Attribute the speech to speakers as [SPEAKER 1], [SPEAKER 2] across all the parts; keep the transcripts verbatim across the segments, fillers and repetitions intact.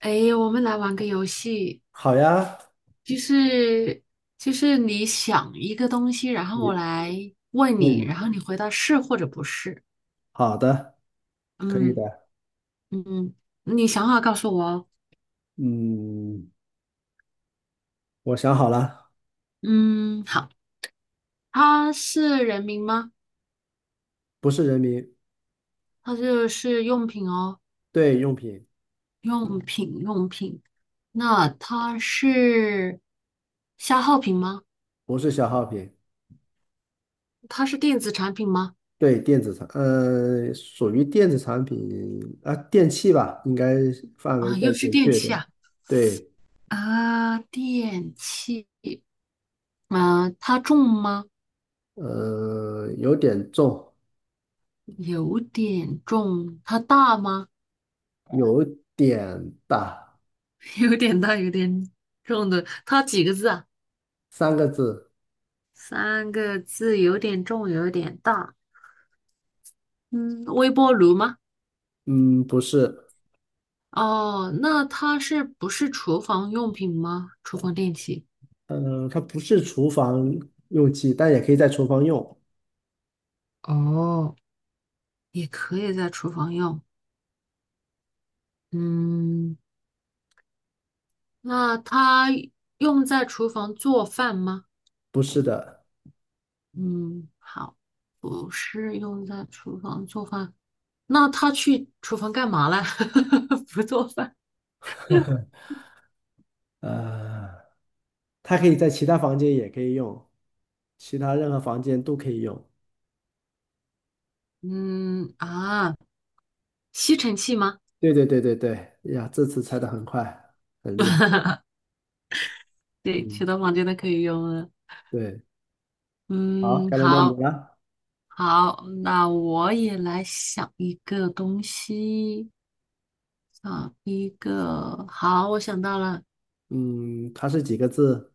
[SPEAKER 1] 哎，我们来玩个游戏，
[SPEAKER 2] 好呀，
[SPEAKER 1] 就是就是你想一个东西，然后我
[SPEAKER 2] 你
[SPEAKER 1] 来问
[SPEAKER 2] 那
[SPEAKER 1] 你，
[SPEAKER 2] 你
[SPEAKER 1] 然后你回答是或者不是。
[SPEAKER 2] 好的，可以
[SPEAKER 1] 嗯
[SPEAKER 2] 的。
[SPEAKER 1] 嗯，你想好告诉我哦。
[SPEAKER 2] 嗯，我想好了，
[SPEAKER 1] 嗯，好，它是人名吗？
[SPEAKER 2] 不是人民，
[SPEAKER 1] 它就是用品哦。
[SPEAKER 2] 对用品，
[SPEAKER 1] 那它是消耗品吗？
[SPEAKER 2] 不是消耗品，
[SPEAKER 1] 它是电子产品吗？
[SPEAKER 2] 对电子产，呃，属于电子产品啊，电器吧，应该范围
[SPEAKER 1] 啊，
[SPEAKER 2] 再
[SPEAKER 1] 又是
[SPEAKER 2] 准
[SPEAKER 1] 电
[SPEAKER 2] 确一
[SPEAKER 1] 器
[SPEAKER 2] 点。
[SPEAKER 1] 啊
[SPEAKER 2] 对，
[SPEAKER 1] 啊，电器。啊，它重吗？
[SPEAKER 2] 呃，有点重，
[SPEAKER 1] 有点重。它大吗？
[SPEAKER 2] 有点大，
[SPEAKER 1] 有点大，有点重的。它几个字啊？
[SPEAKER 2] 三个字。
[SPEAKER 1] 三个字，有点重，有点大。嗯，微波炉吗？
[SPEAKER 2] 嗯，不是，
[SPEAKER 1] 哦，那它是不是厨房用品吗？厨房电器。
[SPEAKER 2] 嗯、它不是厨房用器，但也可以在厨房用。
[SPEAKER 1] 哦，也可以在厨房用。嗯，那它用在厨房做饭吗？
[SPEAKER 2] 不是的，
[SPEAKER 1] 嗯，好，不是用在厨房做饭。那他去厨房干嘛了？不做饭。
[SPEAKER 2] 呃。它可以在其他房间也可以用，其他任何房间都可以用。
[SPEAKER 1] 嗯啊，吸尘器吗？
[SPEAKER 2] 对对对对对，呀，这次猜的很快，很厉害。
[SPEAKER 1] 对，其
[SPEAKER 2] 嗯，
[SPEAKER 1] 他房间都可以用了。
[SPEAKER 2] 对，好，
[SPEAKER 1] 嗯，
[SPEAKER 2] 该轮到你
[SPEAKER 1] 好，
[SPEAKER 2] 了。
[SPEAKER 1] 好，那我也来想一个东西，想一个，好，我想到了
[SPEAKER 2] 嗯，它是几个字？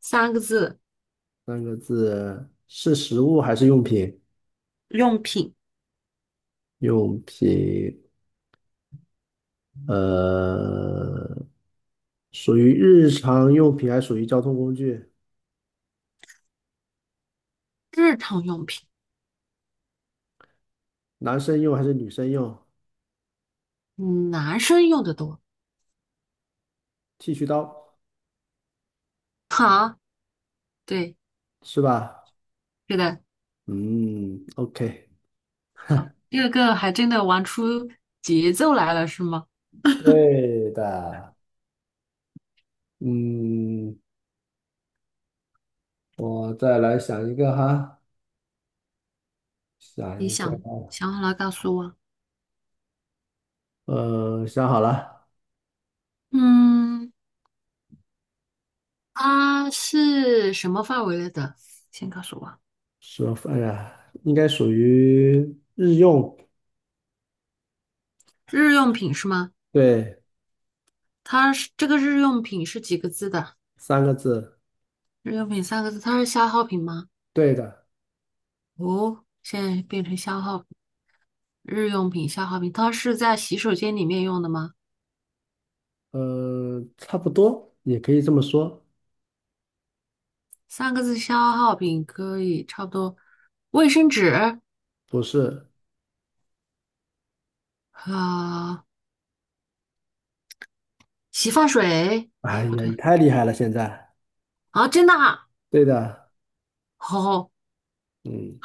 [SPEAKER 1] 三个字，
[SPEAKER 2] 三个字，是食物还是用品？
[SPEAKER 1] 用品，
[SPEAKER 2] 用品，呃，属于日常用品还是属于交通工具？
[SPEAKER 1] 日常用品，
[SPEAKER 2] 男生用还是女生用？
[SPEAKER 1] 嗯，男生用的多。
[SPEAKER 2] 剃须刀
[SPEAKER 1] 好，对，
[SPEAKER 2] 是吧？
[SPEAKER 1] 是的，
[SPEAKER 2] 嗯，OK，
[SPEAKER 1] 好，二个还真的玩出节奏来了，是吗？
[SPEAKER 2] 对的。嗯，我再来想一个哈，想
[SPEAKER 1] 你
[SPEAKER 2] 一个，
[SPEAKER 1] 想想好了告诉我。
[SPEAKER 2] 呃，想好了，
[SPEAKER 1] 嗯，啊，是什么范围内的？先告诉我，
[SPEAKER 2] 说，哎呀，应该属于日用，
[SPEAKER 1] 日用品是吗？
[SPEAKER 2] 对，
[SPEAKER 1] 它是这个日用品是几个字的？
[SPEAKER 2] 三个字，
[SPEAKER 1] 日用品三个字，它是消耗品吗？
[SPEAKER 2] 对的，
[SPEAKER 1] 哦，现在变成消耗品日用品消耗品，它是在洗手间里面用的吗？
[SPEAKER 2] 呃，差不多，也可以这么说，
[SPEAKER 1] 三个字消耗品可以差不多，卫生纸
[SPEAKER 2] 不是，
[SPEAKER 1] 啊、洗发水，
[SPEAKER 2] 哎
[SPEAKER 1] 哎，
[SPEAKER 2] 呀，
[SPEAKER 1] 不对
[SPEAKER 2] 你太厉害了，现在，
[SPEAKER 1] 啊，真的啊，
[SPEAKER 2] 对的，
[SPEAKER 1] 好、
[SPEAKER 2] 嗯，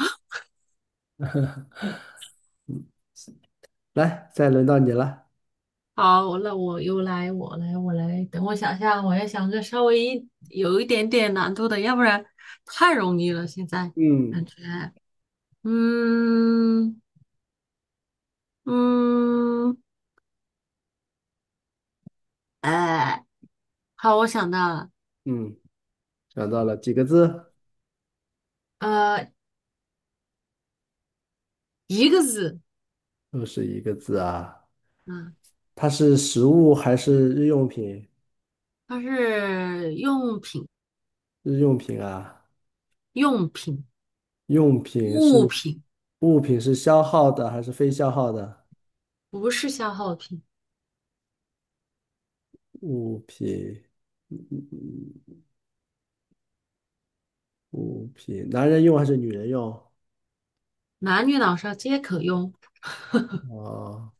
[SPEAKER 2] 来，再轮到你了，
[SPEAKER 1] 好，那我又来，我来，我来，等我想一下，我要想个稍微一有一点点难度的，要不然太容易了，现在感
[SPEAKER 2] 嗯
[SPEAKER 1] 觉，嗯。嗯，呃，好，我想到了，
[SPEAKER 2] 嗯，想到了几个字？
[SPEAKER 1] 呃，一个字，
[SPEAKER 2] 又是一个字啊，
[SPEAKER 1] 嗯，
[SPEAKER 2] 它是食物还是日用品？
[SPEAKER 1] 它是用品，
[SPEAKER 2] 日用品啊。
[SPEAKER 1] 用品，
[SPEAKER 2] 用品
[SPEAKER 1] 物
[SPEAKER 2] 是
[SPEAKER 1] 品，
[SPEAKER 2] 物品是消耗的还是非消耗的？
[SPEAKER 1] 不是消耗品，
[SPEAKER 2] 物品，嗯嗯嗯物品，男人用还是女人用？
[SPEAKER 1] 男女老少皆可用，
[SPEAKER 2] 啊，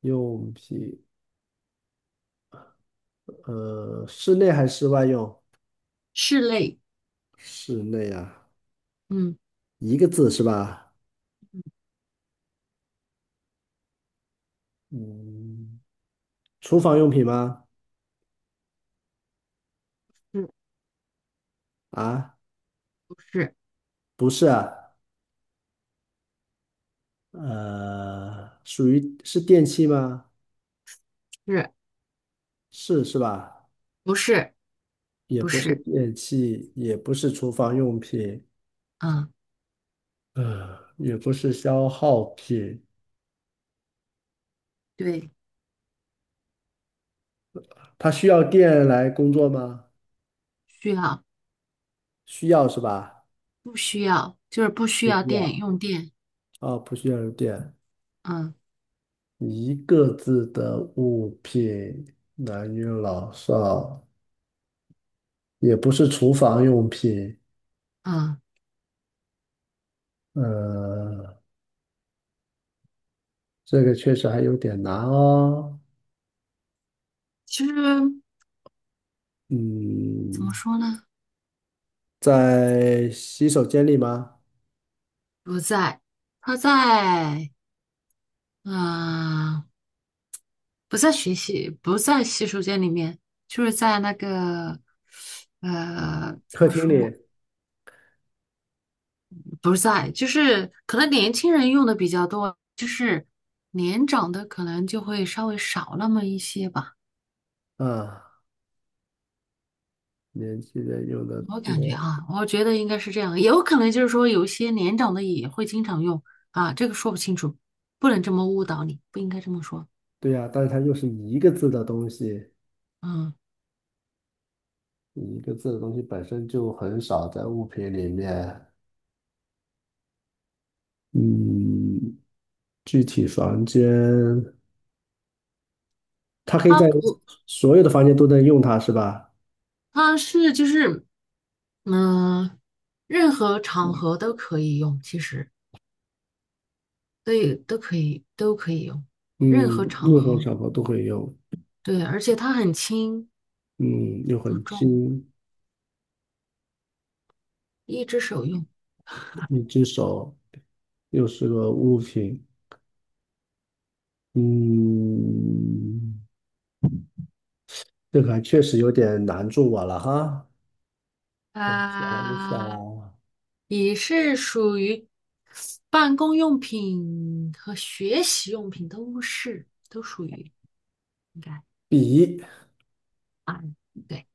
[SPEAKER 2] 用品，呃，室内还是室外用？
[SPEAKER 1] 是类，
[SPEAKER 2] 室内啊，
[SPEAKER 1] 嗯，
[SPEAKER 2] 一个字是吧？嗯，厨房用品吗？
[SPEAKER 1] 是
[SPEAKER 2] 啊，
[SPEAKER 1] 不是，
[SPEAKER 2] 不是啊，呃，属于是电器吗？
[SPEAKER 1] 是，
[SPEAKER 2] 是是吧？
[SPEAKER 1] 不是，
[SPEAKER 2] 也
[SPEAKER 1] 不
[SPEAKER 2] 不是
[SPEAKER 1] 是，
[SPEAKER 2] 电器，也不是厨房用品，
[SPEAKER 1] 嗯，
[SPEAKER 2] 呃，也不是消耗品。
[SPEAKER 1] 对，
[SPEAKER 2] 它需要电来工作吗？
[SPEAKER 1] 需要，
[SPEAKER 2] 需要是吧？
[SPEAKER 1] 不需要，就是不需
[SPEAKER 2] 不
[SPEAKER 1] 要
[SPEAKER 2] 需
[SPEAKER 1] 电，
[SPEAKER 2] 要。
[SPEAKER 1] 用电，
[SPEAKER 2] 哦，不需要有电。
[SPEAKER 1] 嗯
[SPEAKER 2] 一个字的物品，男女老少，也不是厨房用品。
[SPEAKER 1] 嗯，
[SPEAKER 2] 呃，这个确实还有点难哦。
[SPEAKER 1] 其实怎
[SPEAKER 2] 嗯，
[SPEAKER 1] 么说呢，
[SPEAKER 2] 在洗手间里吗？
[SPEAKER 1] 不在，它在，嗯。不在学习，不在洗手间里面，就是在那个，呃，怎
[SPEAKER 2] 客
[SPEAKER 1] 么
[SPEAKER 2] 厅
[SPEAKER 1] 说？
[SPEAKER 2] 里
[SPEAKER 1] 不在，就是可能年轻人用的比较多，就是年长的可能就会稍微少那么一些吧。
[SPEAKER 2] 啊，年轻人用的
[SPEAKER 1] 我感觉
[SPEAKER 2] 多。
[SPEAKER 1] 啊，我觉得应该是这样，也有可能就是说有些年长的也会经常用啊，这个说不清楚，不能这么误导你，不应该这么说。
[SPEAKER 2] 对呀，但是它又是一个字的东西，
[SPEAKER 1] 嗯，
[SPEAKER 2] 一个字的东西本身就很少在物品里面。嗯，具体房间，它可以
[SPEAKER 1] 它
[SPEAKER 2] 在
[SPEAKER 1] 不，
[SPEAKER 2] 所有的房间都能用它是吧？
[SPEAKER 1] 它是就是嗯，任何场合都可以用，其实。对，都可以，都可以用，任何
[SPEAKER 2] 嗯，
[SPEAKER 1] 场
[SPEAKER 2] 任何
[SPEAKER 1] 合。
[SPEAKER 2] 场合都会用。
[SPEAKER 1] 对，而且它很轻
[SPEAKER 2] 嗯，又
[SPEAKER 1] 不
[SPEAKER 2] 很
[SPEAKER 1] 重，
[SPEAKER 2] 轻，
[SPEAKER 1] 一只手用。
[SPEAKER 2] 一只手又是个物品。嗯，这个还确实有点难住我了哈。我想一想
[SPEAKER 1] 啊，
[SPEAKER 2] 啊
[SPEAKER 1] 笔是属于办公用品和学习用品都是，都属于应该
[SPEAKER 2] 笔，
[SPEAKER 1] 啊。对，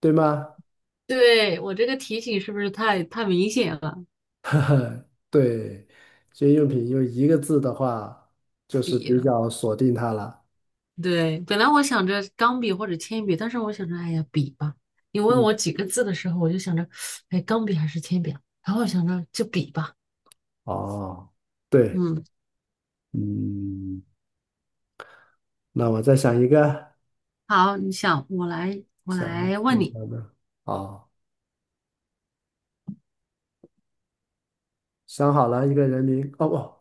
[SPEAKER 2] 对吗？
[SPEAKER 1] 对，我这个提醒是不是太太明显了？
[SPEAKER 2] 对，这些用品用一个字的话，就是
[SPEAKER 1] 笔
[SPEAKER 2] 比
[SPEAKER 1] 了？
[SPEAKER 2] 较锁定它了。
[SPEAKER 1] 对，本来我想着钢笔或者铅笔，但是我想着，哎呀，笔吧。你问
[SPEAKER 2] 嗯，
[SPEAKER 1] 我几个字的时候，我就想着，哎，钢笔还是铅笔啊？然后我想着就笔吧。
[SPEAKER 2] 哦，对。
[SPEAKER 1] 嗯，
[SPEAKER 2] 嗯，那我再想一个，
[SPEAKER 1] 好，你想，我来，我
[SPEAKER 2] 想一
[SPEAKER 1] 来
[SPEAKER 2] 个
[SPEAKER 1] 问
[SPEAKER 2] 什
[SPEAKER 1] 你。
[SPEAKER 2] 么？哦，想好了一个人名，哦不，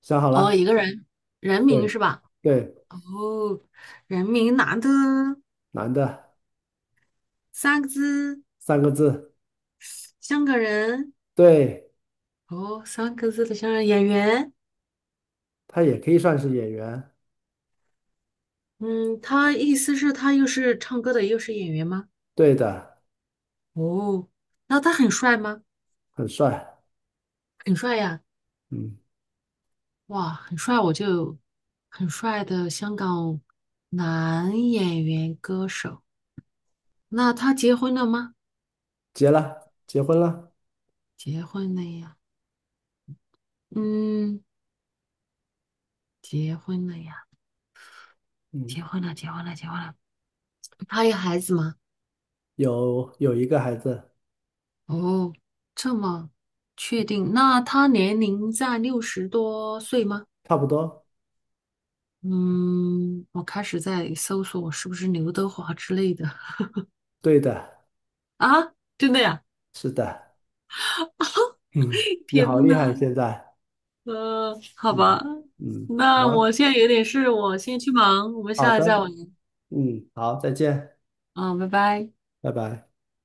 [SPEAKER 2] 想好
[SPEAKER 1] 哦，
[SPEAKER 2] 了，
[SPEAKER 1] 一个人，人名
[SPEAKER 2] 对
[SPEAKER 1] 是吧？
[SPEAKER 2] 对，
[SPEAKER 1] 哦，人名男的，
[SPEAKER 2] 男的，
[SPEAKER 1] 三个字，
[SPEAKER 2] 三个字，
[SPEAKER 1] 香港人。
[SPEAKER 2] 对，
[SPEAKER 1] 哦，三个字的香港演员。
[SPEAKER 2] 他也可以算是演员，
[SPEAKER 1] 嗯，他意思是，他又是唱歌的，又是演员吗？
[SPEAKER 2] 对的，
[SPEAKER 1] 哦，那他很帅吗？
[SPEAKER 2] 很帅，
[SPEAKER 1] 很帅呀。
[SPEAKER 2] 嗯，
[SPEAKER 1] 哇，很帅，我就很帅的香港男演员歌手。那他结婚了吗？
[SPEAKER 2] 结了，结婚了，
[SPEAKER 1] 结婚了呀，嗯，结婚了呀，
[SPEAKER 2] 嗯，
[SPEAKER 1] 结婚了，结婚了，结婚了。他有孩子吗？
[SPEAKER 2] 有有一个孩子，
[SPEAKER 1] 哦，这么确定？那他年龄在六十多岁吗？
[SPEAKER 2] 差不多，
[SPEAKER 1] 嗯，我开始在搜索我是不是刘德华之类的
[SPEAKER 2] 对的，
[SPEAKER 1] 啊？真的呀？
[SPEAKER 2] 是的，嗯，你好
[SPEAKER 1] 天
[SPEAKER 2] 厉害，
[SPEAKER 1] 呐！
[SPEAKER 2] 现在，
[SPEAKER 1] 呃，好
[SPEAKER 2] 嗯
[SPEAKER 1] 吧，
[SPEAKER 2] 嗯，
[SPEAKER 1] 那
[SPEAKER 2] 好，
[SPEAKER 1] 我现在有点事，我先去忙，我们
[SPEAKER 2] 好
[SPEAKER 1] 下
[SPEAKER 2] 的，
[SPEAKER 1] 次再玩。
[SPEAKER 2] 嗯，好，再见，
[SPEAKER 1] 嗯，拜拜。
[SPEAKER 2] 拜拜。